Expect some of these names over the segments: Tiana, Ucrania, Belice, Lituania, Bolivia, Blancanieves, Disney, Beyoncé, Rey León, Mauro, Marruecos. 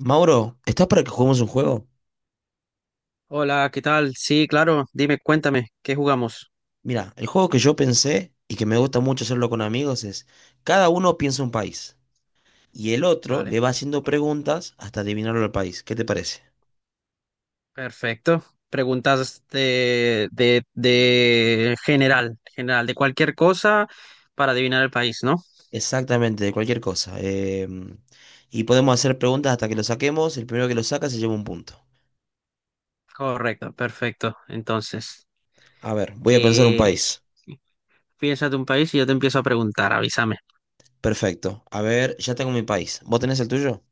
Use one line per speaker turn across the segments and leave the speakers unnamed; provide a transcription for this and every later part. Mauro, ¿estás para que juguemos un juego?
Hola, ¿qué tal? Sí, claro, dime, cuéntame, ¿qué jugamos?
Mira, el juego que yo pensé y que me gusta mucho hacerlo con amigos es cada uno piensa un país y el otro
Vale,
le va haciendo preguntas hasta adivinarlo al país. ¿Qué te parece?
perfecto. Preguntas de general, de cualquier cosa para adivinar el país, ¿no?
Exactamente, de cualquier cosa. Y podemos hacer preguntas hasta que lo saquemos. El primero que lo saca se lleva un punto.
Correcto, perfecto. Entonces,
A ver, voy a pensar un
¿qué
país.
piensas de un país? Y yo te empiezo a preguntar, avísame.
Perfecto. A ver, ya tengo mi país. ¿Vos tenés el tuyo?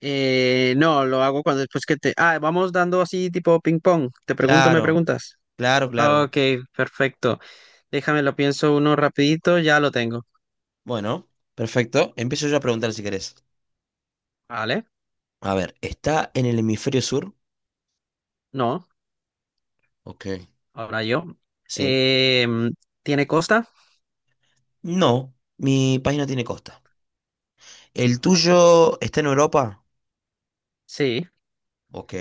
No, lo hago cuando después que te... Ah, vamos dando así tipo ping pong. Te pregunto, me
Claro,
preguntas.
claro, claro.
Ok, perfecto. Déjame, lo pienso uno rapidito, ya lo tengo.
Bueno, perfecto. Empiezo yo a preguntar si querés.
Vale,
A ver, ¿está en el hemisferio sur?
no.
Ok,
Ahora yo.
sí.
Eh, ¿Tiene costa?
No, mi país no tiene costa. ¿El
Vale.
tuyo está en Europa?
Sí.
Ok.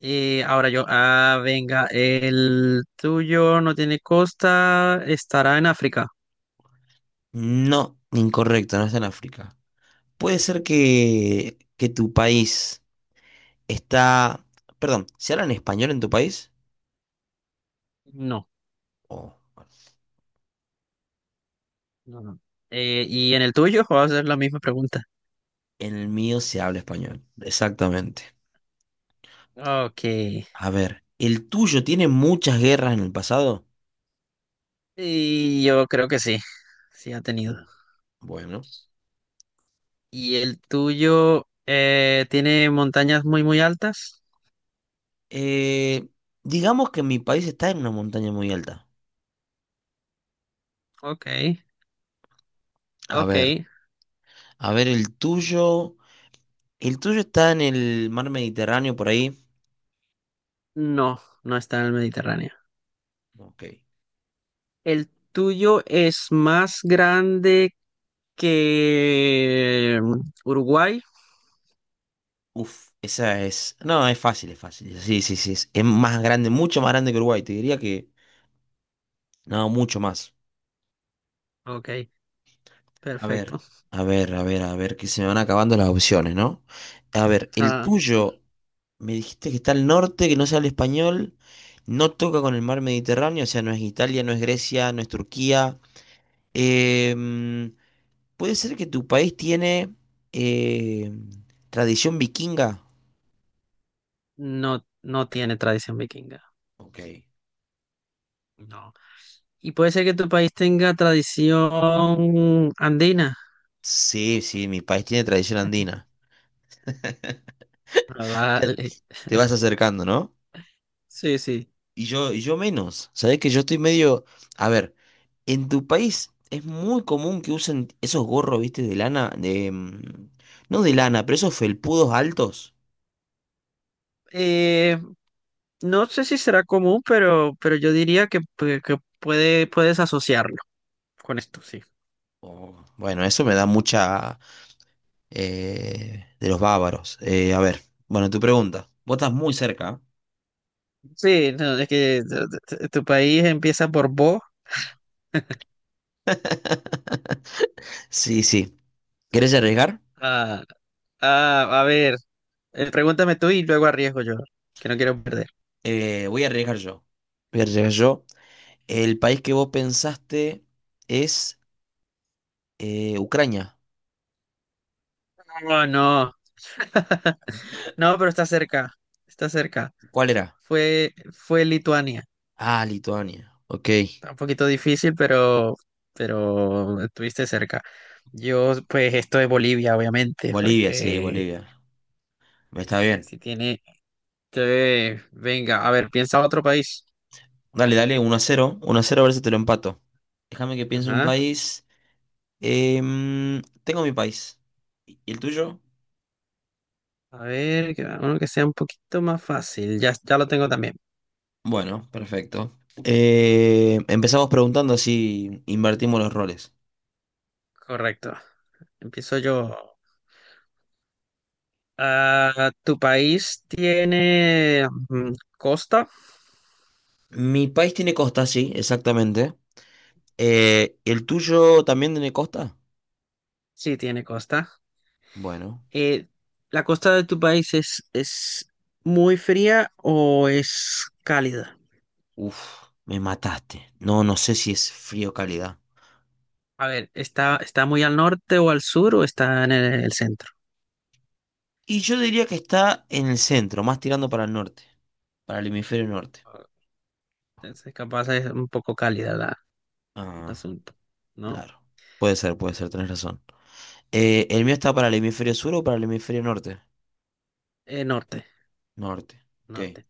Y ahora yo. Ah, venga. El tuyo no tiene costa. ¿Estará en África?
No, incorrecto, no está en África. Puede ser que tu país está... Perdón, ¿se habla en español en tu país?
No.
Oh,
No, no. ¿Y en el tuyo? Voy a hacer la misma pregunta.
en el mío se habla español, exactamente.
Ok.
A ver, ¿el tuyo tiene muchas guerras en el pasado?
Y yo creo que sí. Sí ha tenido.
Mm, bueno.
¿Y el tuyo tiene montañas muy, muy altas?
Eh, digamos que mi país está en una montaña muy alta.
Ok.
A
Ok.
ver, a ver, el tuyo. ¿El tuyo está en el mar Mediterráneo por ahí?
No, no está en el Mediterráneo.
Ok.
¿El tuyo es más grande que Uruguay?
Uf, esa es. No, es fácil, es fácil. Sí, sí, sí. Es más grande, mucho más grande que Uruguay. Te diría que. No, mucho más.
Ok,
A ver,
perfecto.
a ver, a ver, a ver, que se me van acabando las opciones, ¿no? A ver, el
Ah,
tuyo. Me dijiste que está al norte, que no se habla español. No toca con el mar Mediterráneo, o sea, no es Italia, no es Grecia, no es Turquía. Em, ¿Puede ser que tu país tiene em, tradición vikinga?
no, no tiene tradición vikinga.
Ok.
No. Y puede ser que tu país tenga tradición andina.
Sí, sí, mi país tiene tradición andina.
Ah,
Ya
vale.
te vas acercando, ¿no?
Sí, sí.
Y yo menos. Sabés que yo estoy medio. A ver, en tu país es muy común que usen esos gorros, viste, de lana, no de lana, pero esos felpudos altos.
Eh, no sé si será común, pero yo diría que, que puedes asociarlo con esto, sí.
Oh, bueno, eso me da mucha. De los bávaros. A ver, bueno, tu pregunta. Vos estás muy cerca.
Sí, no, es que tu país empieza por Bo.
Sí, sí. ¿Querés arriesgar?
Ah, ah, a ver, pregúntame tú y luego arriesgo yo, que no quiero perder.
Voy a arriesgar yo. Voy a arriesgar yo. El país que vos pensaste es Ucrania.
No, no, no, pero está cerca, está cerca.
¿Cuál era?
Fue Lituania.
Ah, Lituania. Ok.
Está un poquito difícil, pero estuviste cerca. Yo, pues, esto es Bolivia, obviamente,
Bolivia, sí,
porque
Bolivia. Me está
si,
bien.
si tiene, te- venga, a ver, piensa otro país.
Dale, dale, uno a cero a ver si te lo empato. Déjame que piense un
Ajá.
país. Tengo mi país. ¿Y el tuyo?
A ver, uno que sea un poquito más fácil. Ya lo tengo también.
Bueno, perfecto. Empezamos preguntando si invertimos los roles.
Correcto. Empiezo yo. Ah, ¿tu país tiene costa?
Mi país tiene costa, sí, exactamente. ¿El tuyo también tiene costa?
Sí, tiene costa.
Bueno.
Eh, ¿La costa de tu país es muy fría o es cálida?
Uf, me mataste. No, no sé si es frío o calidad.
A ver, ¿está, está muy al norte o al sur o está en el centro?
Y yo diría que está en el centro, más tirando para el norte, para el hemisferio norte.
Entonces, capaz es un poco cálida la, el
Ah,
asunto, ¿no?
claro. Puede ser, tenés razón. ¿El mío está para el hemisferio sur o para el hemisferio norte?
Norte,
Norte. Ok.
norte.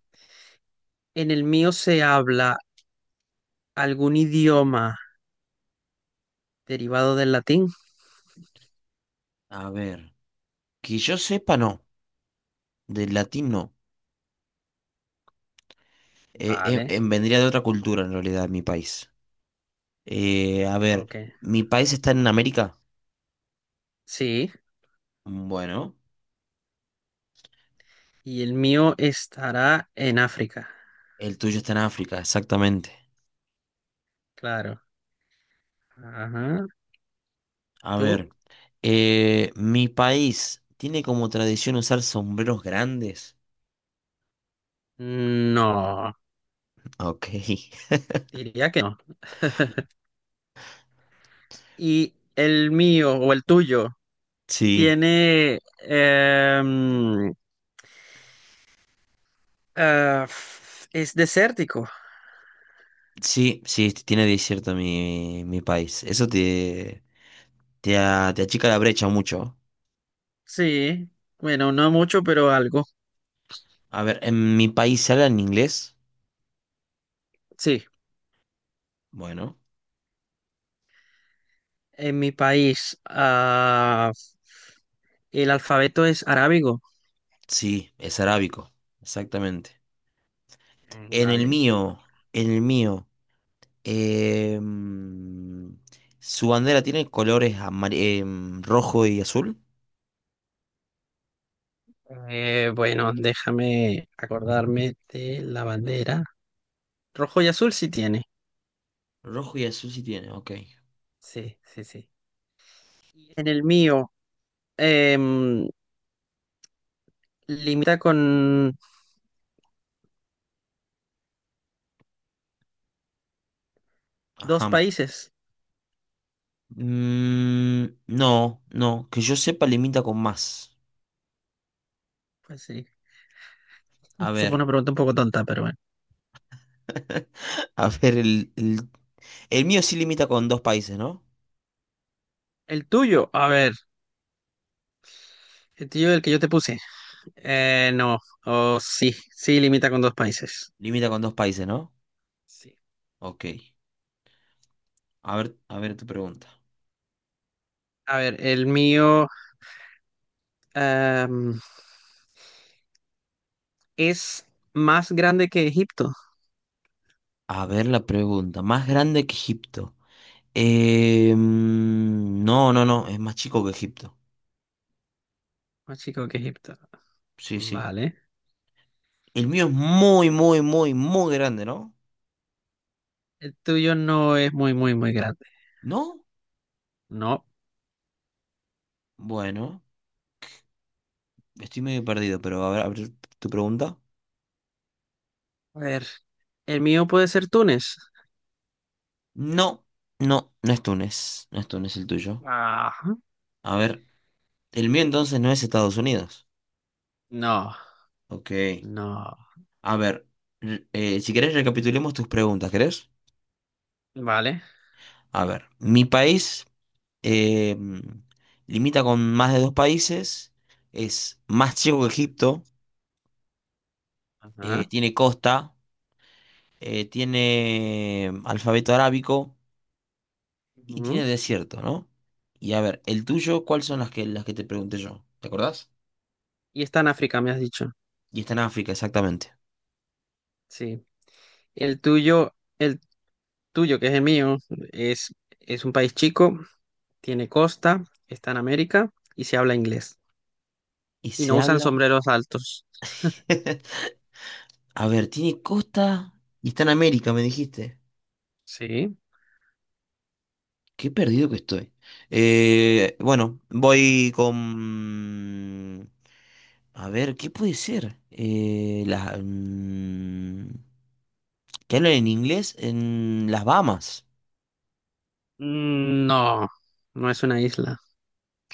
En el mío se habla algún idioma derivado del latín.
A ver. Que yo sepa, no. Del latín, no.
Vale,
Vendría de otra cultura, en realidad, mi país. A ver,
ok.
¿mi país está en América?
Sí.
Bueno,
Y el mío estará en África.
el tuyo está en África, exactamente.
Claro. Ajá.
A
¿Tú?
ver, mi país tiene como tradición usar sombreros grandes.
No,
Ok.
diría que no. Y el mío o el tuyo
Sí,
tiene... es desértico.
sí, sí, tiene desierto mi, mi país. Eso te, te achica la brecha mucho.
Sí. Bueno, no mucho, pero algo.
A ver, ¿en mi país se habla en inglés?
Sí.
Bueno,
En mi país, el alfabeto es arábigo.
sí, es arábico, exactamente.
Mm,
En el
vale.
mío, en el mío, em, su bandera tiene colores rojo y azul.
Bueno, déjame acordarme de la bandera. Rojo y azul sí tiene.
Rojo y azul sí tiene, ok.
Sí, sí, sí. En el mío, em, limita con dos
Ajá.
países.
Mm, no, no, que yo sepa limita con más.
Pues sí.
A
Esa
ver,
fue una pregunta un poco tonta, pero bueno.
a ver, el mío sí limita con dos países, ¿no?
El tuyo, a ver, el tuyo el que yo te puse. No, oh, sí, sí, limita con dos países.
Limita con dos países, ¿no?
Sí.
Ok. A ver tu pregunta.
A ver, el mío em, es más grande que Egipto.
A ver la pregunta. Más grande que Egipto. No, no, no, es más chico que Egipto.
Más chico que Egipto.
Sí, sí.
Vale.
El mío es muy, muy, muy, muy grande, ¿no?
El tuyo no es muy, muy, muy grande.
¿No?
No.
Bueno, estoy medio perdido, pero a ver tu pregunta.
A ver, el mío puede ser Túnez.
No, no, no es Túnez. No es Túnez el tuyo.
Ah.
A ver, el mío entonces no es Estados Unidos.
No,
Ok.
no.
A ver, si querés recapitulemos tus preguntas, ¿querés?
Vale.
A ver, mi país eh, limita con más de dos países, es más chico que Egipto,
Ajá.
tiene costa, tiene alfabeto arábico y
Ujú.
tiene desierto, ¿no? Y a ver, el tuyo, ¿cuáles son las que te pregunté yo? ¿Te acordás?
Y está en África, me has dicho.
Y está en África, exactamente.
Sí. El tuyo, el tuyo, que es el mío, es, es un país chico, tiene costa, está en América y se habla inglés.
Y
Y no
se
usan
habla
sombreros altos.
a ver, tiene costa y está en América, me dijiste.
Sí.
Qué perdido que estoy. Bueno, voy con... A ver, ¿qué puede ser? Que hablan en inglés en las Bahamas.
Mm, no, no es una isla.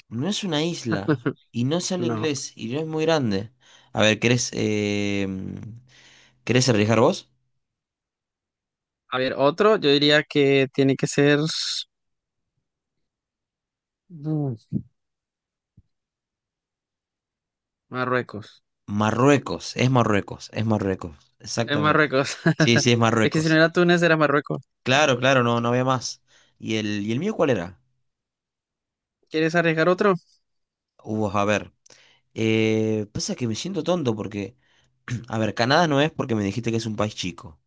No es una isla y no se habla
No.
inglés y no es muy grande. A ver, ¿querés, ¿querés arriesgar vos?
A ver, otro, yo diría que tiene que ser mm, Marruecos.
Marruecos, es Marruecos, es Marruecos,
Es
exactamente.
Marruecos.
Sí, sí, es
Es que si no
Marruecos.
era Túnez, era Marruecos.
Claro, claro, no, no había más. ¿Y el mío cuál era?
¿Quieres arriesgar otro?
Hubo, a ver. Pasa que me siento tonto porque, a ver, Canadá no es porque me dijiste que es un país chico.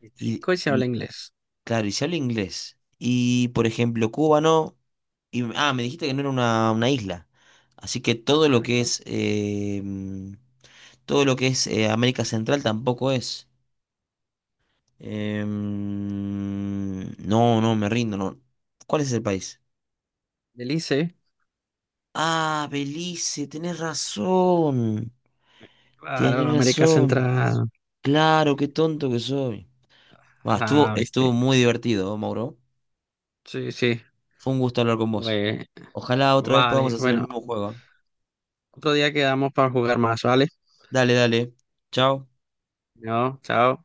El
Y,
chico y se habla
y
inglés.
claro, y se habla inglés. Y, por ejemplo, Cuba no. Y, ah, me dijiste que no era una isla. Así que
Ah,
todo lo que
correcto.
es, todo lo que es América Central tampoco es. No, no, me rindo, no. ¿Cuál es el país?
Belice.
Ah, Belice, tenés razón.
Claro,
Tenés
América
razón.
Central.
Claro, qué tonto que soy. Bah, estuvo,
Ah,
estuvo
viste.
muy divertido, ¿eh, Mauro?
Sí, sí.
Fue un gusto hablar con vos.
Pues,
Ojalá otra vez podamos
vale,
hacer el
bueno,
mismo juego. ¿Eh?
otro día quedamos para jugar más, ¿vale?
Dale, dale. Chao.
No, chao.